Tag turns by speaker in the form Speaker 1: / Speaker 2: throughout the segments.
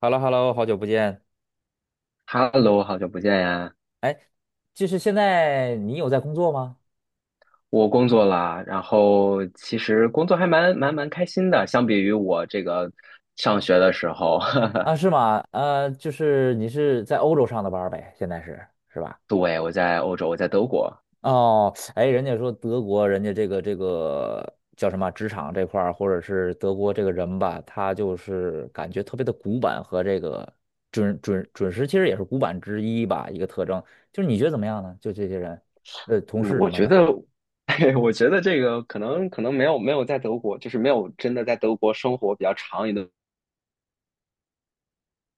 Speaker 1: h e l l o h e l l o 好久不见。
Speaker 2: Hello，好久不见呀！
Speaker 1: 哎，就是现在你有在工作吗？
Speaker 2: 我工作了，然后其实工作还蛮开心的，相比于我这个上学的时候，
Speaker 1: 啊，是吗？就是你是在欧洲上的班儿呗，现在是吧？
Speaker 2: 对，我在欧洲，我在德国。
Speaker 1: 哦，哎，人家说德国，人家这个叫什么职场这块儿，或者是德国这个人吧，他就是感觉特别的古板和这个准时，其实也是古板之一吧，一个特征。就是你觉得怎么样呢？就这些人，同
Speaker 2: 嗯，
Speaker 1: 事
Speaker 2: 我
Speaker 1: 什么
Speaker 2: 觉
Speaker 1: 的。
Speaker 2: 得，我觉得这个可能没有在德国，就是没有真的在德国生活比较长一段。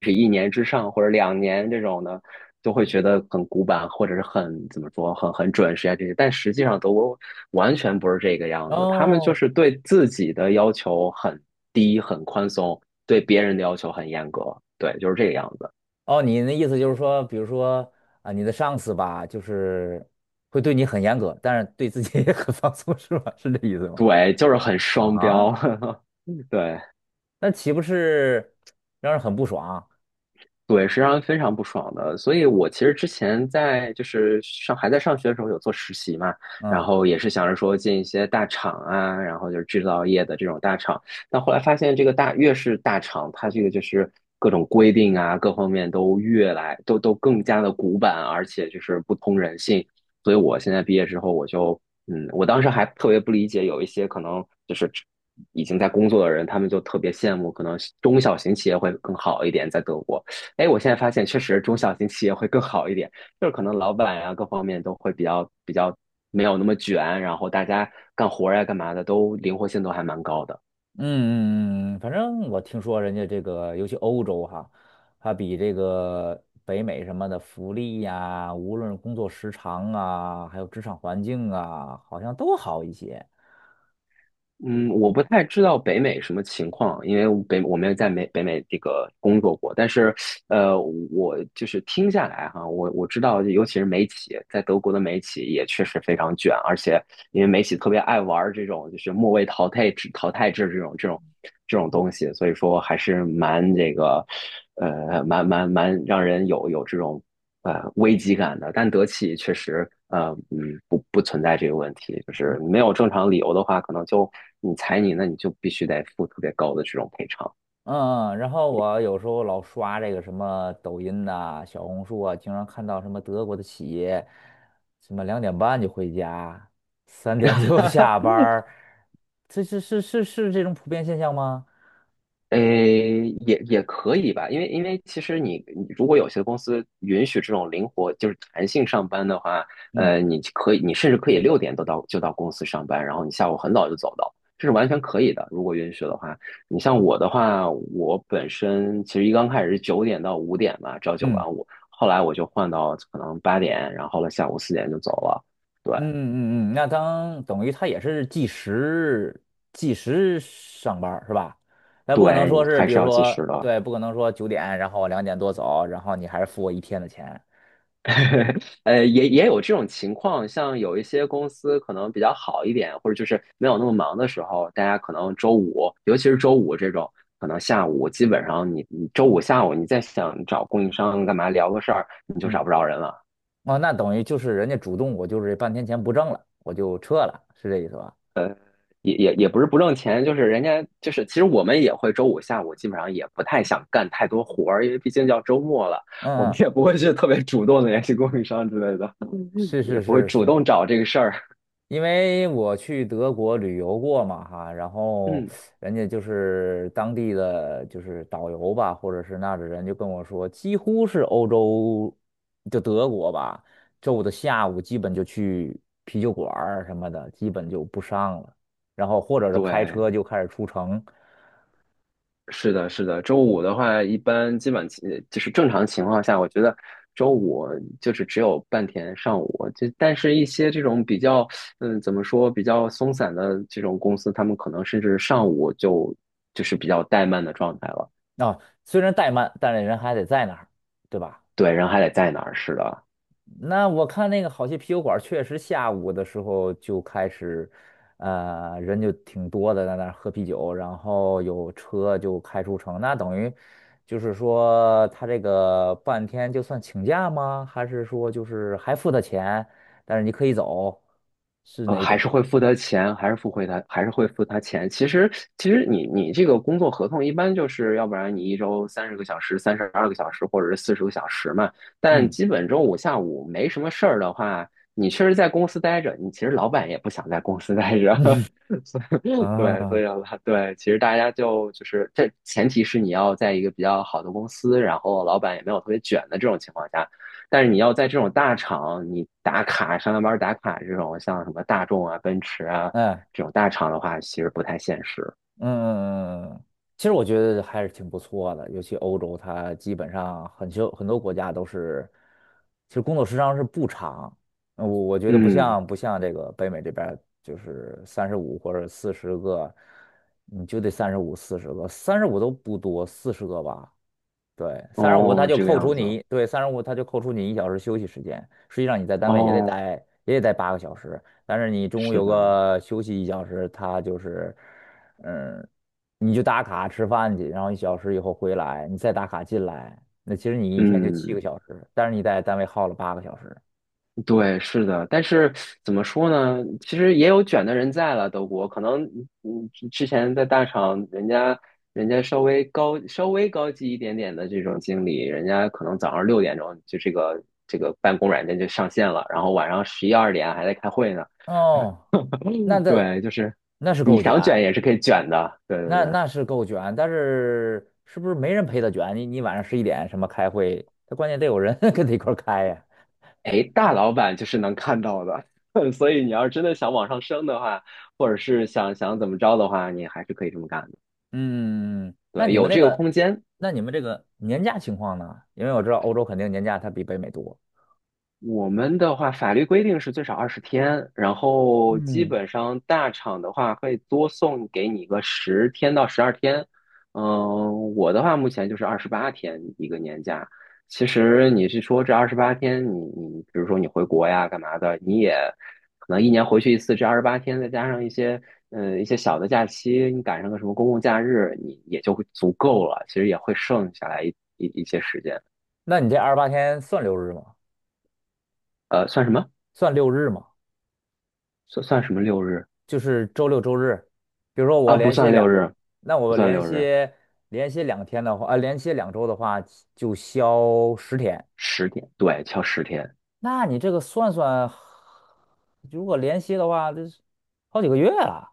Speaker 2: 是一年之上或者2年这种的，都会觉得很古板，或者是很怎么说，很准时啊这些。但实际上德国完全不是这个样子，他们就
Speaker 1: 哦
Speaker 2: 是对自己的要求很低、很宽松，对别人的要求很严格，对，就是这个样子。
Speaker 1: 哦，你的意思就是说，比如说啊，你的上司吧，就是会对你很严格，但是对自己也很放松，是吧？是这意思吗？
Speaker 2: 对，就是很双
Speaker 1: 啊，
Speaker 2: 标，对。
Speaker 1: 那岂不是让人很不爽？
Speaker 2: 对，是让人非常不爽的。所以我其实之前在就是上还在上学的时候有做实习嘛，然
Speaker 1: 嗯
Speaker 2: 后也是想着说进一些大厂啊，然后就是制造业的这种大厂。但后来发现这个越是大厂，它这个就是各种规定啊，各方面越来都更加的古板，而且就是不通人性。所以我现在毕业之后，我就嗯，我当时还特别不理解，有一些可能就是已经在工作的人，他们就特别羡慕，可能中小型企业会更好一点，在德国。哎，我现在发现确实中小型企业会更好一点，就是可能老板呀、各方面都会比较没有那么卷，然后大家干活儿呀、干嘛的都灵活性都还蛮高的。
Speaker 1: 嗯嗯嗯，反正我听说人家这个，尤其欧洲哈，它比这个北美什么的福利呀，无论工作时长啊，还有职场环境啊，好像都好一些。
Speaker 2: 嗯，我不太知道北美什么情况，因为我没有在北美这个工作过，但是，呃，我就是听下来哈，我知道，尤其是美企，在德国的美企也确实非常卷，而且因为美企特别爱玩这种就是末位淘汰制这种东西，所以说还是蛮这个，蛮让人有这种危机感的，但德企确实不存在这个问题，就是没有正常理由的话，可能就你裁你，那你就必须得付特别高的这种赔偿。
Speaker 1: 嗯嗯，然后我有时候老刷这个什么抖音呐、小红书啊，经常看到什么德国的企业，什么2:30就回家，3点就 下班儿，这是这种普遍现象吗？
Speaker 2: 诶，也可以吧，因为其实你如果有些公司允许这种灵活就是弹性上班的话，
Speaker 1: 嗯
Speaker 2: 你甚至可以六点都到就到公司上班，然后你下午很早就走的，这是完全可以的。如果允许的话，你像我的话，我本身其实刚开始是9点到5点吧，朝九
Speaker 1: 嗯
Speaker 2: 晚五，后来我就换到可能8点，然后了下午4点就走了。对
Speaker 1: 嗯嗯嗯，嗯，那当等于他也是计时上班儿是吧？那不可能
Speaker 2: 对，
Speaker 1: 说是，
Speaker 2: 还
Speaker 1: 比
Speaker 2: 是
Speaker 1: 如
Speaker 2: 要计时
Speaker 1: 说
Speaker 2: 的。
Speaker 1: 对，不可能说9点，然后我2点多走，然后你还是付我一天的钱。
Speaker 2: 也有这种情况，像有一些公司可能比较好一点，或者就是没有那么忙的时候，大家可能周五，尤其是周五这种，可能下午基本上你周五下午你再想找供应商干嘛聊个事儿，你就
Speaker 1: 嗯。
Speaker 2: 找不着人了。
Speaker 1: 哦，那等于就是人家主动，我就是半天钱不挣了，我就撤了，是这意思吧？
Speaker 2: 也不是不挣钱，就是人家就是，其实我们也会周五下午基本上也不太想干太多活儿，因为毕竟叫周末了，我
Speaker 1: 嗯
Speaker 2: 们
Speaker 1: 嗯，
Speaker 2: 也不会去特别主动的联系供应商之类的，
Speaker 1: 是是
Speaker 2: 也不会
Speaker 1: 是
Speaker 2: 主
Speaker 1: 是，
Speaker 2: 动找这个事儿。
Speaker 1: 因为我去德国旅游过嘛哈，然后
Speaker 2: 嗯，
Speaker 1: 人家就是当地的就是导游吧，或者是那儿的人就跟我说，几乎是欧洲就德国吧，周五的下午基本就去啤酒馆儿什么的，基本就不上了，然后或者是开
Speaker 2: 对。
Speaker 1: 车就开始出城。
Speaker 2: 是的，是的。周五的话，一般基本情就是正常情况下，我觉得周五就是只有半天上午。但是，一些这种比较，怎么说，比较松散的这种公司，他们可能甚至上午就是比较怠慢的状态了。
Speaker 1: 啊，虽然怠慢，但是人还得在那儿，对吧？
Speaker 2: 对，人还得在那儿，是的。
Speaker 1: 那我看那个好些啤酒馆，确实下午的时候就开始，人就挺多的，在那儿喝啤酒，然后有车就开出城。那等于就是说，他这个半天就算请假吗？还是说就是还付他钱，但是你可以走，是哪
Speaker 2: 还是
Speaker 1: 种？
Speaker 2: 会付他钱，还是会付他钱。其实，你这个工作合同一般就是，要不然你一周30个小时、32个小时，或者是40个小时嘛。但
Speaker 1: 嗯
Speaker 2: 基本周五下午没什么事儿的话，你确实在公司待着，你其实老板也不想在公司待着。所以对，所
Speaker 1: 啊，
Speaker 2: 以了，对，其实大家就是这前提是你要在一个比较好的公司，然后老板也没有特别卷的这种情况下。但是你要在这种大厂，你打卡上下班打卡这种，像什么大众啊、奔驰啊
Speaker 1: 哎。
Speaker 2: 这种大厂的话，其实不太现实。
Speaker 1: 嗯嗯嗯其实我觉得还是挺不错的，尤其欧洲，它基本上很多很多国家都是，其实工作时长是不长，我我觉得不
Speaker 2: 嗯，
Speaker 1: 像不像这个北美这边儿就是三十五或者四十个，你就得35 40个，三十五都不多，四十个吧，对，三十五他
Speaker 2: 哦，
Speaker 1: 就
Speaker 2: 这个
Speaker 1: 扣除
Speaker 2: 样子，
Speaker 1: 你，对，三十五他就扣除你一小时休息时间。实际上你在单位也得
Speaker 2: 哦，
Speaker 1: 待，也得待八个小时，但是你中午
Speaker 2: 是
Speaker 1: 有
Speaker 2: 的，
Speaker 1: 个休息一小时，他就是，嗯，你就打卡吃饭去，然后一小时以后回来，你再打卡进来，那其实你一天就七个
Speaker 2: 嗯，
Speaker 1: 小时，但是你在单位耗了八个小时。
Speaker 2: 对，是的。但是怎么说呢？其实也有卷的人在了，德国可能，之前在大厂，人家稍微高级一点点的这种经理，人家可能早上6点钟就这个办公软件就上线了，然后晚上11、12点还在开会呢。
Speaker 1: 哦，那
Speaker 2: 嗯，
Speaker 1: 这
Speaker 2: 对，就是
Speaker 1: 那是
Speaker 2: 你
Speaker 1: 够卷，
Speaker 2: 想卷也是可以卷的，对对
Speaker 1: 那
Speaker 2: 对。
Speaker 1: 那是够卷，但是是不是没人陪他卷？你你晚上11点什么开会，他关键得有人 跟他一块儿开呀。
Speaker 2: 哎，大老板就是能看到的，所以你要是真的想往上升的话，或者是想想怎么着的话，你还是可以这么干的。
Speaker 1: 嗯，嗯嗯那
Speaker 2: 对，
Speaker 1: 你们
Speaker 2: 有
Speaker 1: 那
Speaker 2: 这个
Speaker 1: 个，
Speaker 2: 空间，
Speaker 1: 那你们这个年假情况呢？因为我知道欧洲肯定年假它比北美多。
Speaker 2: 我们的话，法律规定是最少20天，然后基
Speaker 1: 嗯，
Speaker 2: 本上大厂的话会多送给你个10天到12天。嗯，我的话目前就是二十八天一个年假。其实你是说这二十八天，你比如说你回国呀干嘛的，你也可能一年回去一次，这二十八天再加上一些小的假期，你赶上个什么公共假日，你也就会足够了。其实也会剩下来一些时间。
Speaker 1: 那你这28天算六日吗？
Speaker 2: 算什么？
Speaker 1: 算六日吗？
Speaker 2: 算什么六日？
Speaker 1: 就是周六周日，比如说我
Speaker 2: 啊，不
Speaker 1: 连歇
Speaker 2: 算六
Speaker 1: 两，
Speaker 2: 日，
Speaker 1: 那
Speaker 2: 不
Speaker 1: 我
Speaker 2: 算
Speaker 1: 连
Speaker 2: 六日，
Speaker 1: 歇连歇两天的话，连歇2周的话就休10天。
Speaker 2: 十天，对，敲十天，
Speaker 1: 那你这个算算，如果连歇的话，这是好几个月啊。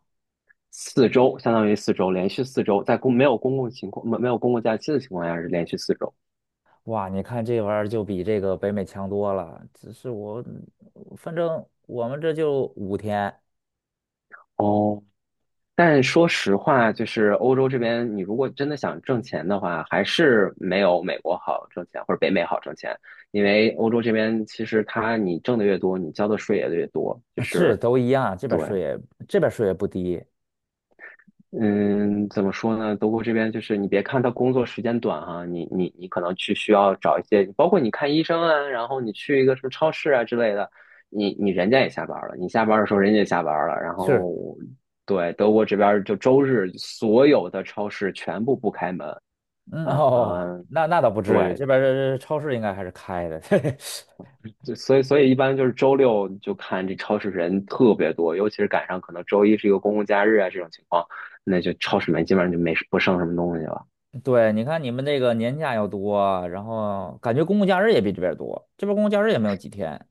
Speaker 2: 四周，相当于四周，连续四周，在没有公共情况，没有公共假期的情况下是连续四周。
Speaker 1: 哇，你看这玩意儿就比这个北美强多了。只是我，反正我们这就五天，
Speaker 2: 哦，但说实话，就是欧洲这边，你如果真的想挣钱的话，还是没有美国好挣钱，或者北美好挣钱。因为欧洲这边其实它你挣的越多，你交的税也越多，就
Speaker 1: 是
Speaker 2: 是
Speaker 1: 都一样。
Speaker 2: 对。
Speaker 1: 这边税也不低。
Speaker 2: 嗯，怎么说呢？德国这边就是你别看他工作时间短哈、你可能去需要找一些，包括你看医生啊，然后你去一个什么超市啊之类的，人家也下班了，你下班的时候人家也下班了，然
Speaker 1: 是，
Speaker 2: 后对德国这边儿就周日所有的超市全部不开门
Speaker 1: 嗯
Speaker 2: 啊、
Speaker 1: 哦，
Speaker 2: 嗯，
Speaker 1: 那倒不至于，
Speaker 2: 对，
Speaker 1: 这边儿这超市应该还是开的。
Speaker 2: 就所以一般就是周六就看这超市人特别多，尤其是赶上可能周一是一个公共假日啊这种情况，那就超市里面基本上就没不剩什么东西了。
Speaker 1: 对，你看你们这个年假又多，然后感觉公共假日也比这边儿多，这边儿公共假日也没有几天。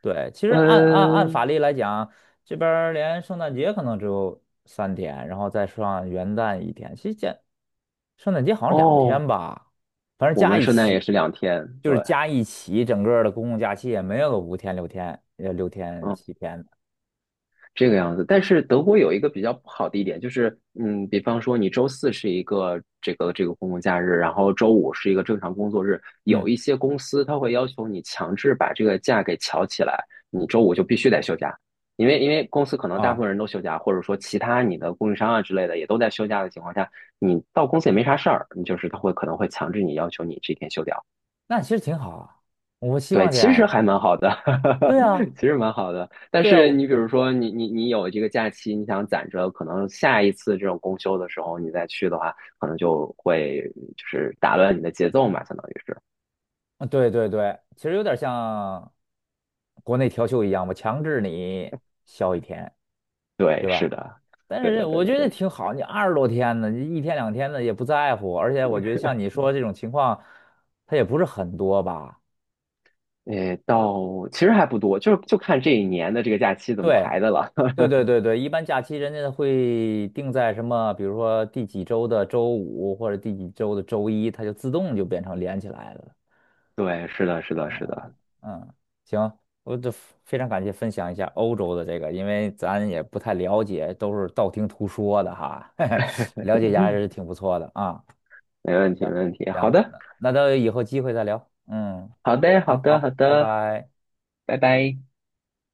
Speaker 1: 对，其实按法
Speaker 2: 嗯，
Speaker 1: 律来讲，这边儿连圣诞节可能只有三天，然后再上元旦一天，其实这圣诞节好像两
Speaker 2: 哦，
Speaker 1: 天吧，反正
Speaker 2: 我
Speaker 1: 加
Speaker 2: 们
Speaker 1: 一
Speaker 2: 圣诞也
Speaker 1: 起，
Speaker 2: 是2天，
Speaker 1: 就
Speaker 2: 对，
Speaker 1: 是加一起，整个的公共假期也没有个五天六天，六天
Speaker 2: 嗯，
Speaker 1: 七天的。
Speaker 2: 这个样子。但是德国有一个比较不好的一点，就是，比方说你周四是一个这个公共假日，然后周五是一个正常工作日，
Speaker 1: 嗯，
Speaker 2: 有一些公司它会要求你强制把这个假给调起来，你周五就必须得休假，因为公司可能大部
Speaker 1: 啊，
Speaker 2: 分人都休假，或者说其他你的供应商啊之类的也都在休假的情况下，你到公司也没啥事儿，你就是他会可能会强制你要求你这天休掉。
Speaker 1: 那其实挺好啊，我希
Speaker 2: 对，
Speaker 1: 望这
Speaker 2: 其
Speaker 1: 样
Speaker 2: 实
Speaker 1: 啊。
Speaker 2: 还蛮好的，
Speaker 1: 对啊，
Speaker 2: 其实蛮好的。但
Speaker 1: 对啊，
Speaker 2: 是
Speaker 1: 我
Speaker 2: 你比如说你有这个假期，你想攒着，可能下一次这种公休的时候你再去的话，可能就是打乱你的节奏嘛，相当于是。
Speaker 1: 啊对对对，其实有点像国内调休一样，我强制你休一天，
Speaker 2: 对，
Speaker 1: 对
Speaker 2: 是
Speaker 1: 吧？
Speaker 2: 的，
Speaker 1: 但
Speaker 2: 对
Speaker 1: 是我
Speaker 2: 的。
Speaker 1: 觉得挺好，你20多天呢，你一天两天的也不在乎，而且我觉得像你说这种情况，它也不是很多吧。
Speaker 2: 诶，到其实还不多，就是就看这一年的这个假期怎么
Speaker 1: 对，
Speaker 2: 排的了。
Speaker 1: 对对对对，一般假期人家会定在什么，比如说第几周的周五或者第几周的周一，它就自动就变成连起来了。
Speaker 2: 对，是的，是的，是的，
Speaker 1: 嗯，行，我这非常感谢分享一下欧洲的这个，因为咱也不太了解，都是道听途说的哈，嘿嘿，了解一下还是挺不错的啊。
Speaker 2: 没问题，没问题。好
Speaker 1: 行，
Speaker 2: 的，
Speaker 1: 那等以后机会再聊。嗯，
Speaker 2: 好的，好
Speaker 1: 好
Speaker 2: 的，好
Speaker 1: 好，拜
Speaker 2: 的，
Speaker 1: 拜。
Speaker 2: 拜拜。